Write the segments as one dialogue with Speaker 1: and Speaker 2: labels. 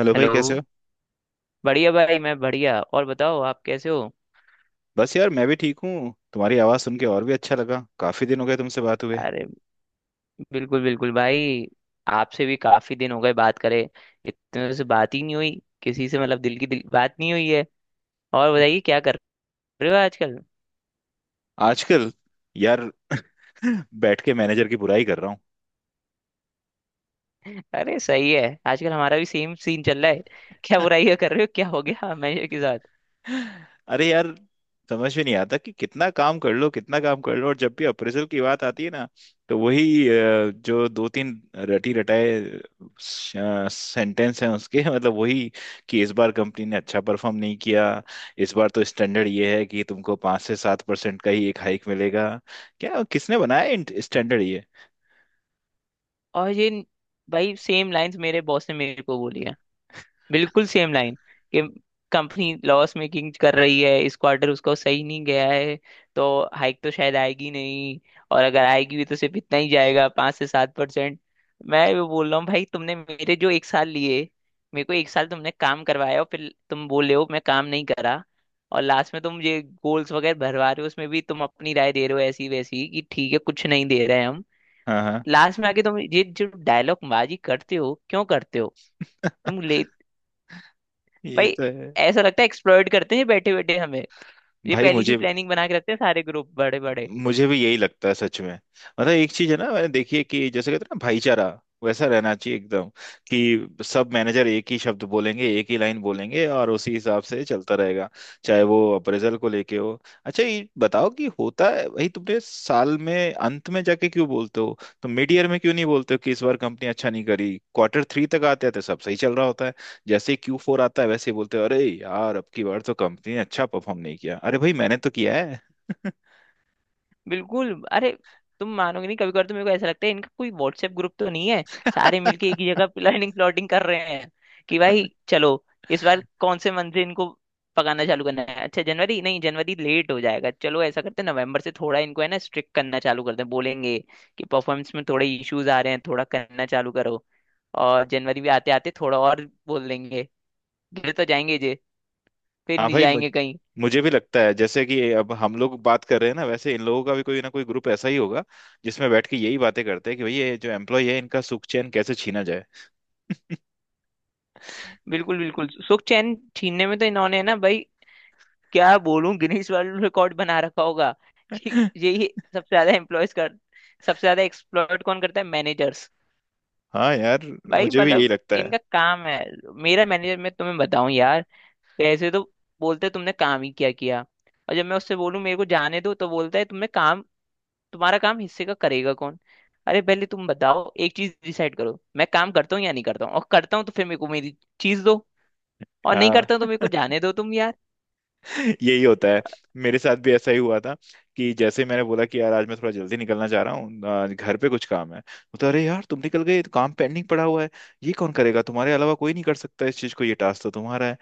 Speaker 1: Hello भाई,
Speaker 2: hello.
Speaker 1: कैसे हो?
Speaker 2: बढ़िया भाई, मैं बढ़िया। और बताओ आप कैसे हो?
Speaker 1: बस यार, मैं भी ठीक हूँ। तुम्हारी आवाज़ सुन के और भी अच्छा लगा। काफी दिन हो गए तुमसे बात हुए।
Speaker 2: अरे बिल्कुल बिल्कुल भाई। आपसे भी काफी दिन हो गए बात करे, इतने दिनों से बात ही नहीं हुई। किसी से मतलब दिल की दिल बात नहीं हुई है। और बताइए क्या कर रहे हो आजकल?
Speaker 1: आजकल यार बैठ के मैनेजर की बुराई कर रहा हूँ।
Speaker 2: अरे सही है। आजकल हमारा भी सेम सीन चल रहा है। क्या बुराई है कर रहे हो, क्या हो गया मैनेजर के साथ?
Speaker 1: अरे यार, समझ में नहीं आता कि कितना काम कर लो कितना काम कर लो, और जब भी अप्रेजल की बात आती है ना तो वही जो दो तीन रटी रटाए सेंटेंस हैं उसके मतलब वही, कि इस बार कंपनी ने अच्छा परफॉर्म नहीं किया। इस बार तो स्टैंडर्ड ये है कि तुमको 5 से 7% का ही एक हाइक मिलेगा। क्या, किसने बनाया स्टैंडर्ड ये?
Speaker 2: और ये, भाई सेम लाइंस मेरे बॉस ने मेरे को बोली है। बिल्कुल सेम लाइन कि कंपनी लॉस मेकिंग कर रही है, इस क्वार्टर उसका सही नहीं गया है, तो हाइक तो शायद आएगी नहीं। और अगर आएगी भी तो सिर्फ इतना ही जाएगा, 5 से 7%। मैं वो बोल रहा हूँ भाई, तुमने मेरे जो एक साल लिए, मेरे को एक साल तुमने काम करवाया और फिर तुम बोल रहे हो मैं काम नहीं करा। और लास्ट में तुम ये गोल्स वगैरह भरवा रहे हो, उसमें भी तुम अपनी राय दे रहे हो ऐसी वैसी कि ठीक है कुछ नहीं दे रहे हैं हम।
Speaker 1: हाँ, हाँ।
Speaker 2: लास्ट में आके तुम ये जो डायलॉग बाजी करते हो, क्यों करते हो? तुम ले,
Speaker 1: ये
Speaker 2: भाई
Speaker 1: तो है।
Speaker 2: ऐसा लगता है एक्सप्लॉइट करते हैं बैठे बैठे हमें। ये
Speaker 1: भाई
Speaker 2: पहली सी
Speaker 1: मुझे
Speaker 2: प्लानिंग बना के रखते हैं सारे ग्रुप बड़े बड़े।
Speaker 1: मुझे भी यही लगता है सच में। मतलब एक चीज है ना, मैंने देखी है कि जैसे कहते हैं ना भाईचारा, वैसा रहना चाहिए एकदम। कि सब मैनेजर एक ही शब्द बोलेंगे, एक ही लाइन बोलेंगे, और उसी हिसाब से चलता रहेगा। चाहे वो अप्रेजल को लेके हो। अच्छा ये बताओ कि होता है भाई, तुमने साल में अंत में जाके क्यों बोलते हो? तुम मिड ईयर में क्यों नहीं बोलते हो कि इस बार कंपनी अच्छा नहीं करी? क्वार्टर 3 तक आते आते सब सही चल रहा होता है। जैसे Q4 आता है वैसे ही बोलते हो, अरे यार अब की बार तो कंपनी ने अच्छा परफॉर्म नहीं किया। अरे भाई, मैंने तो किया है।
Speaker 2: बिल्कुल। अरे, तुम मानोगे नहीं, कभी कभी तो मेरे को ऐसा लगता है इनका कोई व्हाट्सएप ग्रुप तो नहीं है। सारे मिलके एक ही जगह प्लानिंग प्लॉटिंग कर रहे हैं कि भाई चलो, इस बार कौन से मंथ से इनको पकाना चालू करना है। अच्छा जनवरी नहीं, जनवरी लेट हो जाएगा, चलो ऐसा करते हैं नवंबर से थोड़ा इनको है ना स्ट्रिक्ट करना चालू करते हैं। बोलेंगे कि परफॉर्मेंस में थोड़े इश्यूज आ रहे हैं, थोड़ा करना चालू करो। और जनवरी भी आते आते थोड़ा और बोल देंगे। गिर तो जाएंगे, फिर
Speaker 1: हाँ
Speaker 2: नहीं
Speaker 1: भाई,
Speaker 2: जाएंगे कहीं।
Speaker 1: मुझे भी लगता है जैसे कि अब हम लोग बात कर रहे हैं ना, वैसे इन लोगों का भी कोई ना कोई ग्रुप ऐसा ही होगा जिसमें बैठ के यही बातें करते हैं कि भाई ये जो एम्प्लॉय है इनका सुख चैन कैसे छीना जाए।
Speaker 2: बिल्कुल बिल्कुल। सुख चैन छीनने में तो इन्होंने ना भाई, क्या बोलूं, गिनीज वर्ल्ड रिकॉर्ड बना रखा होगा कि यही सबसे ज्यादा एम्प्लॉयज कर, सबसे ज्यादा एक्सप्लॉइट कौन करता है? मैनेजर्स।
Speaker 1: हाँ यार,
Speaker 2: भाई
Speaker 1: मुझे भी यही
Speaker 2: मतलब
Speaker 1: लगता है।
Speaker 2: इनका काम है। मेरा मैनेजर, मैं तुम्हें बताऊं यार, ऐसे तो बोलते तुमने काम ही क्या किया, और जब मैं उससे बोलूं मेरे को जाने दो तो बोलता है तुमने काम, तुम्हारा काम हिस्से का करेगा कौन? अरे पहले तुम बताओ, एक चीज डिसाइड करो, मैं काम करता हूँ या नहीं करता हूँ, और करता हूँ तो फिर मेरे को मेरी चीज दो, और नहीं
Speaker 1: हाँ,
Speaker 2: करता तो मेरे को जाने दो तुम यार।
Speaker 1: यही होता है। मेरे साथ भी ऐसा ही हुआ था। कि जैसे मैंने बोला कि यार, आज मैं थोड़ा जल्दी निकलना चाह रहा हूँ, घर पे कुछ काम है। तो अरे यार तुम निकल गए, ये तो काम पेंडिंग पड़ा हुआ है। ये कौन करेगा? तुम्हारे अलावा कोई नहीं कर सकता इस चीज को, ये टास्क तो तुम्हारा है।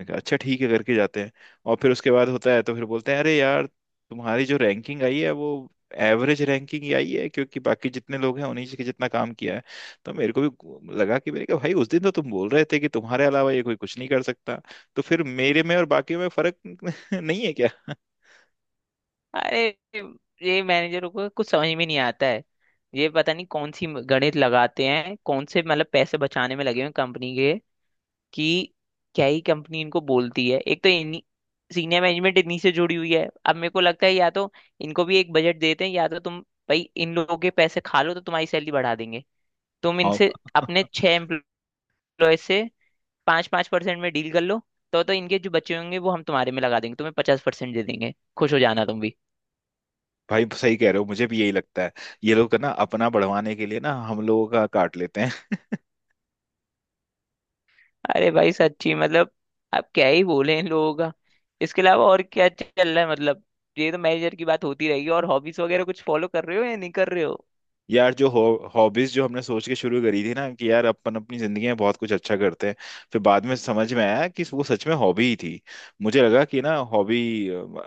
Speaker 1: मैं कहा, अच्छा ठीक है, करके जाते हैं। और फिर उसके बाद होता है तो फिर बोलते हैं, अरे यार तुम्हारी जो रैंकिंग आई है वो एवरेज रैंकिंग ही आई है, क्योंकि बाकी जितने लोग हैं उन्हीं के जितना काम किया है। तो मेरे को भी लगा कि, मेरे कहा भाई उस दिन तो तुम बोल रहे थे कि तुम्हारे अलावा ये कोई कुछ नहीं कर सकता। तो फिर मेरे में और बाकी में फर्क नहीं है क्या?
Speaker 2: अरे ये मैनेजरों को कुछ समझ में नहीं आता है। ये पता नहीं कौन सी गणित लगाते हैं, कौन से मतलब पैसे बचाने में लगे हुए कंपनी के कि क्या ही कंपनी इनको बोलती है। एक तो इन सीनियर मैनेजमेंट इन्हीं से जुड़ी हुई है। अब मेरे को लगता है या तो इनको भी एक बजट देते हैं, या तो तुम, भाई इन लोगों के पैसे खा लो तो तुम्हारी सैलरी बढ़ा देंगे। तुम
Speaker 1: हाँ
Speaker 2: इनसे अपने छह एम्प्लॉय से 5 5% में डील कर लो, तो इनके जो बच्चे होंगे वो हम तुम्हारे में लगा देंगे, तुम्हें 50% दे देंगे, खुश हो जाना तुम भी।
Speaker 1: भाई, सही कह रहे हो, मुझे भी यही लगता है। ये लोग ना, अपना बढ़वाने के लिए ना, हम लोगों का काट लेते हैं।
Speaker 2: अरे भाई सच्ची मतलब, अब क्या ही बोले इन लोगों का। इसके अलावा और क्या चल रहा है मतलब? ये तो मैनेजर की बात होती रहेगी, और हॉबीज वगैरह कुछ फॉलो कर रहे हो या नहीं कर रहे हो?
Speaker 1: यार जो हॉबीज जो हमने सोच के शुरू करी थी ना, कि यार अपन अपनी जिंदगी में बहुत कुछ अच्छा करते हैं, फिर बाद में समझ में आया कि वो सच में हॉबी ही थी। मुझे लगा कि ना हॉबी,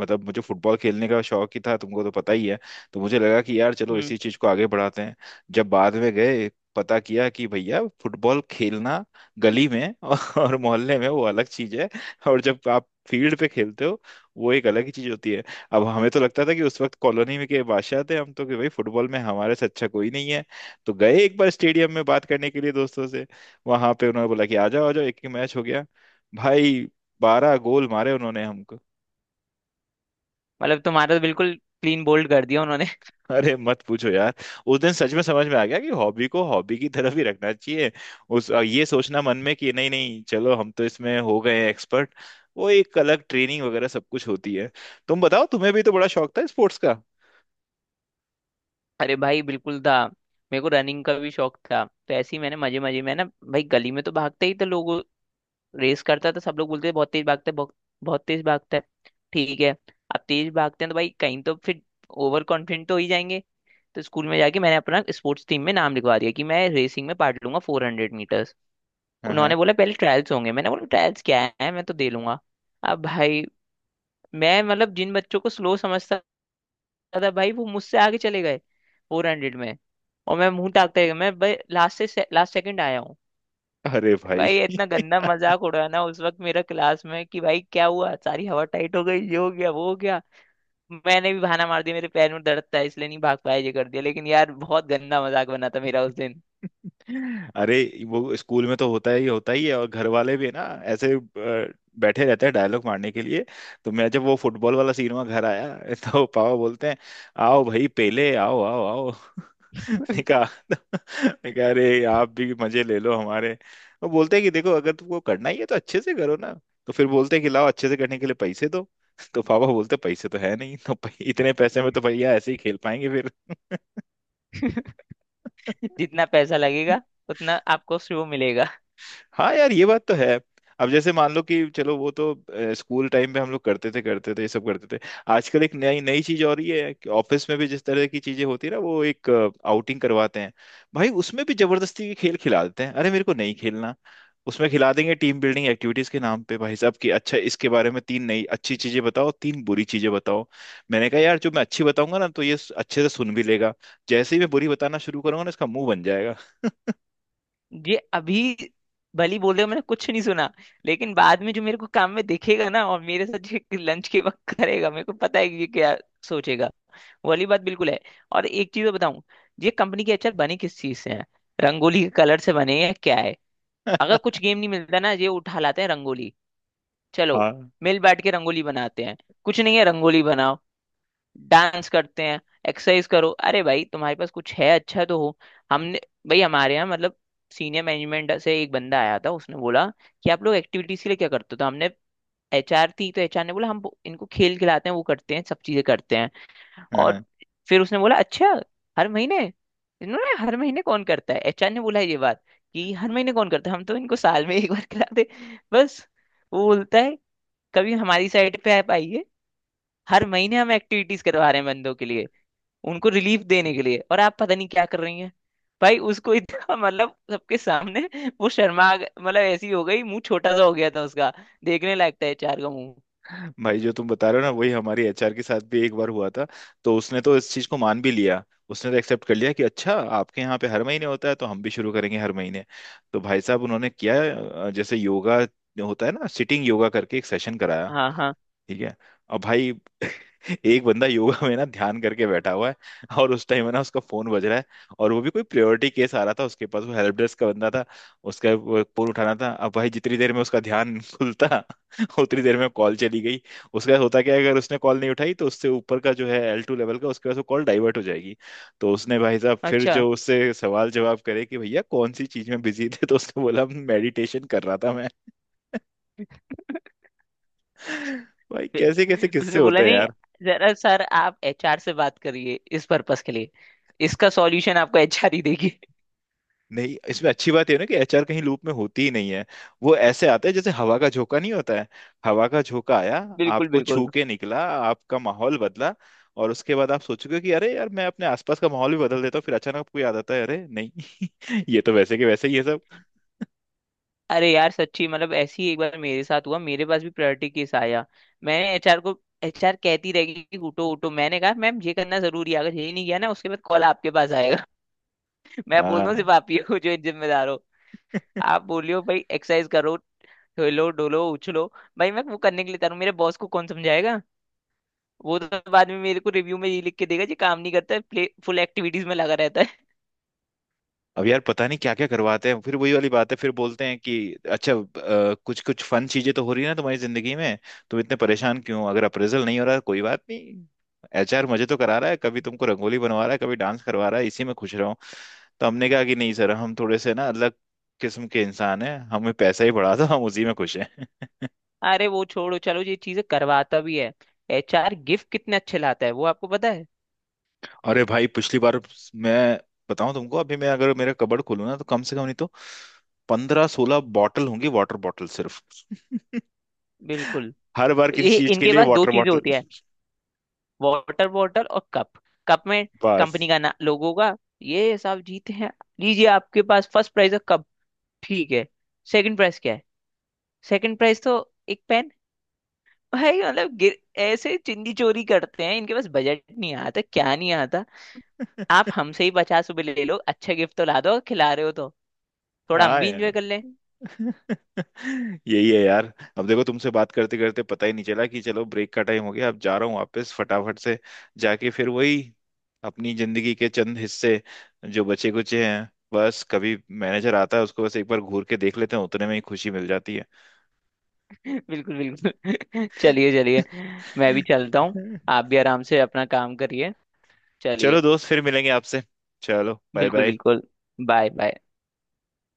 Speaker 1: मतलब मुझे फुटबॉल खेलने का शौक ही था तुमको तो पता ही है। तो मुझे लगा कि यार चलो
Speaker 2: हम्म।
Speaker 1: इसी चीज को आगे बढ़ाते हैं। जब बाद में गए, पता किया कि भैया फुटबॉल खेलना गली में और मोहल्ले में वो अलग चीज है, और जब आप फील्ड पे खेलते हो वो एक अलग ही चीज होती है। अब हमें तो लगता था कि उस वक्त कॉलोनी में के बादशाह थे हम, तो कि भाई फुटबॉल में हमारे से अच्छा कोई नहीं है। तो गए एक बार स्टेडियम में बात करने के लिए दोस्तों से, वहां पे उन्होंने बोला कि आ जाओ एक ही मैच हो गया। भाई, 12 गोल मारे उन्होंने हमको।
Speaker 2: मतलब तुम्हारा तो बिल्कुल क्लीन बोल्ड कर दिया उन्होंने।
Speaker 1: अरे मत पूछो यार, उस दिन सच में समझ में आ गया कि हॉबी को हॉबी की तरफ ही रखना चाहिए। उस ये सोचना मन में कि नहीं नहीं चलो हम तो इसमें हो गए हैं एक्सपर्ट, वो एक अलग ट्रेनिंग वगैरह सब कुछ होती है। तुम बताओ, तुम्हें भी तो बड़ा शौक था स्पोर्ट्स का।
Speaker 2: अरे भाई बिल्कुल था। मेरे को रनिंग का भी शौक था, तो ऐसे ही मैंने मजे मजे में ना भाई, गली में तो भागते ही थे लोग। रेस करता है तो सब लोग बोलते हैं बहुत तेज भागता है, बहुत बहुत तेज भागता है, ठीक है। अब तेज भागते हैं तो भाई कहीं तो फिर ओवर कॉन्फिडेंट तो हो ही जाएंगे। तो स्कूल में जाके मैंने अपना स्पोर्ट्स टीम में नाम लिखवा दिया कि मैं रेसिंग में पार्ट लूंगा, 400 मीटर्स।
Speaker 1: हाँ हाँ।
Speaker 2: उन्होंने बोला पहले ट्रायल्स होंगे, मैंने बोला ट्रायल्स क्या है, मैं तो दे लूंगा। अब भाई, मैं मतलब जिन बच्चों को स्लो समझता था भाई, वो मुझसे आगे चले गए 400 में, और मैं मुंह ताकते गया। मैं भाई लास्ट से लास्ट सेकंड आया।
Speaker 1: अरे भाई।
Speaker 2: भाई इतना गंदा मजाक उड़ाना उस वक्त मेरा क्लास में कि भाई क्या हुआ, सारी हवा टाइट हो गई, ये हो गया वो हो गया। मैंने भी बहाना मार दिया मेरे पैर में दर्द था इसलिए नहीं भाग पाया, ये कर दिया, लेकिन यार बहुत गंदा मजाक बना था मेरा उस दिन।
Speaker 1: अरे वो स्कूल में तो होता ही है, और घर वाले भी है ना, ऐसे बैठे रहते हैं डायलॉग मारने के लिए। तो मैं जब वो फुटबॉल वाला सीन हुआ घर आया तो पापा बोलते हैं, आओ भाई पेले, आओ आओ आओ। निकाह, निकाह। अरे आप भी मजे ले लो हमारे। वो बोलते हैं कि देखो अगर तुमको करना ही है तो अच्छे से करो ना। तो फिर बोलते हैं कि लाओ अच्छे से करने के लिए पैसे दो। तो पापा बोलते हैं, पैसे तो है नहीं तो, इतने पैसे में तो भैया ऐसे ही खेल पाएंगे फिर।
Speaker 2: जितना पैसा लगेगा उतना आपको शो मिलेगा।
Speaker 1: हाँ यार, ये बात तो है। अब जैसे मान लो कि चलो, वो तो स्कूल टाइम पे हम लोग करते थे, करते थे ये सब करते थे। आजकल एक नई नई चीज हो रही है कि ऑफिस में भी जिस तरह की चीजें होती है ना, वो एक आउटिंग करवाते हैं। भाई उसमें भी जबरदस्ती के खेल खिला देते हैं। अरे मेरे को नहीं खेलना, उसमें खिला देंगे। टीम बिल्डिंग एक्टिविटीज के नाम पे भाई साहब, कि अच्छा इसके बारे में तीन नई अच्छी चीजें बताओ, तीन बुरी चीजें बताओ। मैंने कहा यार, जो मैं अच्छी बताऊंगा ना तो ये अच्छे से सुन भी लेगा, जैसे ही मैं बुरी बताना शुरू करूंगा ना इसका मुंह बन जाएगा।
Speaker 2: ये अभी भली बोल रहे हो, मैंने कुछ नहीं सुना, लेकिन बाद में जो मेरे को काम में दिखेगा ना, और मेरे साथ ये लंच के वक्त करेगा, मेरे को पता है कि ये क्या सोचेगा। वो वाली बात बिल्कुल है। और एक चीज बताऊं, ये कंपनी के अचार बने किस चीज से हैं? रंगोली के कलर से बने हैं क्या है? अगर कुछ गेम नहीं मिलता ना, ये उठा लाते हैं रंगोली। चलो,
Speaker 1: हाँ
Speaker 2: मिल बैठ के रंगोली बनाते हैं। कुछ नहीं है, रंगोली बनाओ, डांस करते हैं, एक्सरसाइज करो। अरे भाई तुम्हारे पास कुछ है अच्छा तो हो। हमने, भाई हमारे यहाँ मतलब सीनियर मैनेजमेंट से एक बंदा आया था, उसने बोला कि आप लोग एक्टिविटीज के लिए क्या करते हो? तो हमने, एचआर थी तो एचआर ने बोला हम इनको खेल खिलाते हैं, वो करते हैं, सब चीजें करते हैं। और फिर उसने बोला अच्छा, हर महीने? इन्होंने, हर महीने कौन करता है? एचआर ने बोला ये बात कि हर महीने कौन करता है, हम तो इनको साल में एक बार खिलाते, बस। वो बोलता है कभी हमारी साइड पे आप आइए, हर महीने हम एक्टिविटीज करवा रहे हैं बंदों के लिए, उनको रिलीफ देने के लिए, और आप पता नहीं क्या कर रही हैं। भाई उसको इतना मतलब सबके सामने वो शर्मा गए- मतलब ऐसी हो गई, मुंह छोटा सा हो गया था उसका। देखने लायक था एचआर का मुंह।
Speaker 1: भाई, जो तुम बता रहे हो ना वही हमारी एचआर के साथ भी एक बार हुआ था। तो उसने तो इस चीज को मान भी लिया, उसने तो एक्सेप्ट कर लिया कि अच्छा आपके यहाँ पे हर महीने होता है तो हम भी शुरू करेंगे हर महीने। तो भाई साहब उन्होंने किया, जैसे योगा होता है ना, सिटिंग योगा करके एक सेशन कराया।
Speaker 2: हाँ हाँ।
Speaker 1: ठीक है। अब भाई एक बंदा योगा में ना ध्यान करके बैठा हुआ है, और उस टाइम है ना उसका फोन बज रहा है, और वो भी कोई प्रायोरिटी केस आ रहा था उसके पास। वो हेल्प डेस्क का बंदा था, उसका वो फोन उठाना था। अब भाई जितनी देर में उसका ध्यान खुलता, उतनी देर में कॉल चली गई। उसके साथ होता क्या है, अगर उसने कॉल नहीं उठाई तो उससे ऊपर का जो है L2 लेवल का, उसके पास वो कॉल डाइवर्ट हो जाएगी। तो उसने भाई साहब फिर
Speaker 2: अच्छा।
Speaker 1: जो उससे सवाल जवाब करे कि भैया कौन सी चीज में बिजी थे, तो उसने बोला मेडिटेशन कर रहा था मैं। भाई, कैसे
Speaker 2: फिर
Speaker 1: कैसे किस्से
Speaker 2: उसने बोला
Speaker 1: होते
Speaker 2: नहीं,
Speaker 1: हैं।
Speaker 2: जरा सर आप एचआर से बात करिए इस पर्पस के लिए, इसका सॉल्यूशन आपको एचआर ही देगी।
Speaker 1: नहीं, इसमें अच्छी बात ये है ना कि एचआर कहीं लूप में होती ही नहीं है। वो ऐसे आते हैं जैसे हवा का झोंका, नहीं होता है, हवा का झोंका आया,
Speaker 2: बिल्कुल
Speaker 1: आपको छू
Speaker 2: बिल्कुल।
Speaker 1: के निकला, आपका माहौल बदला, और उसके बाद आप सोचोगे कि अरे यार मैं अपने आसपास का माहौल भी बदल देता हूँ, फिर अचानक आपको याद आता है अरे नहीं, ये तो वैसे के वैसे ही है सब।
Speaker 2: अरे यार सच्ची मतलब, ऐसी एक बार मेरे साथ हुआ, मेरे पास भी प्रायोरिटी केस आया। मैंने एचआर को, एचआर कहती रहेगी कि उठो उठो, मैंने कहा मैम ये करना जरूरी है, अगर यही नहीं किया ना, उसके बाद कॉल आपके पास आएगा। मैं बोल रहा हूँ सिर्फ
Speaker 1: हाँ।
Speaker 2: आप ही हो जो जिम्मेदार हो। आप बोलियो भाई एक्सरसाइज करो, हिलो डोलो उछलो, भाई मैं वो करने के लिए तैयार हूँ, मेरे बॉस को कौन समझाएगा? वो तो बाद में मेरे को रिव्यू में ये लिख के देगा, जी काम नहीं करता है, प्ले फुल एक्टिविटीज में लगा रहता है।
Speaker 1: अब यार पता नहीं क्या क्या करवाते हैं, फिर वही वाली बात है, फिर बोलते हैं कि अच्छा, कुछ कुछ फन चीजें तो हो रही है ना तुम्हारी जिंदगी में, तुम इतने परेशान क्यों हो? अगर अप्रेजल नहीं हो रहा कोई बात नहीं, एचआर मजे तो करा रहा है, कभी तुमको रंगोली बनवा रहा है, कभी डांस करवा रहा है, इसी में खुश रहो। तो हमने कहा कि नहीं सर, हम थोड़े से ना अलग किस्म के इंसान हैं, हमें पैसा ही बढ़ा था, हम उसी में खुश हैं।
Speaker 2: अरे वो छोड़ो, चलो ये चीजें करवाता भी है, एचआर गिफ्ट कितने अच्छे लाता है वो आपको पता है।
Speaker 1: अरे भाई, पिछली बार मैं बताऊं तुमको, अभी मैं अगर मेरा कबर्ड खोलूँ ना, तो कम से कम नहीं तो 15-16 बॉटल होंगी, वाटर बॉटल सिर्फ।
Speaker 2: बिल्कुल।
Speaker 1: हर बार किसी
Speaker 2: ये
Speaker 1: चीज के
Speaker 2: इनके
Speaker 1: लिए
Speaker 2: पास दो
Speaker 1: वाटर
Speaker 2: चीजें
Speaker 1: बॉटल।
Speaker 2: होती है, वाटर बॉटल और कप। कप में
Speaker 1: बस।
Speaker 2: कंपनी का ना लोगों का, ये साहब जीते हैं। लीजिए आपके पास फर्स्ट प्राइज है, कप। ठीक है। सेकंड प्राइज क्या है? सेकंड प्राइज तो एक पेन। भाई मतलब गिर-, ऐसे चिंदी चोरी करते हैं। इनके पास बजट नहीं आता क्या, नहीं आता। आप हमसे ही 50 रुपए ले लो, अच्छे गिफ्ट तो ला दो, खिला रहे हो तो थोड़ा हम
Speaker 1: हाँ
Speaker 2: भी इंजॉय
Speaker 1: यार।
Speaker 2: कर लें।
Speaker 1: यही है यार। अब देखो, तुमसे बात करते करते पता ही नहीं चला कि चलो ब्रेक का टाइम हो गया। अब जा रहा हूँ वापस फटाफट से, जाके फिर वही अपनी जिंदगी के चंद हिस्से जो बचे कुचे हैं, बस कभी मैनेजर आता है उसको बस एक बार घूर के देख लेते हैं, उतने में ही खुशी मिल जाती है।
Speaker 2: बिल्कुल बिल्कुल। चलिए चलिए, मैं भी चलता हूँ। आप भी आराम से अपना काम करिए।
Speaker 1: चलो
Speaker 2: चलिए।
Speaker 1: दोस्त, फिर मिलेंगे आपसे। चलो, बाय
Speaker 2: बिल्कुल
Speaker 1: बाय।
Speaker 2: बिल्कुल। Bye bye.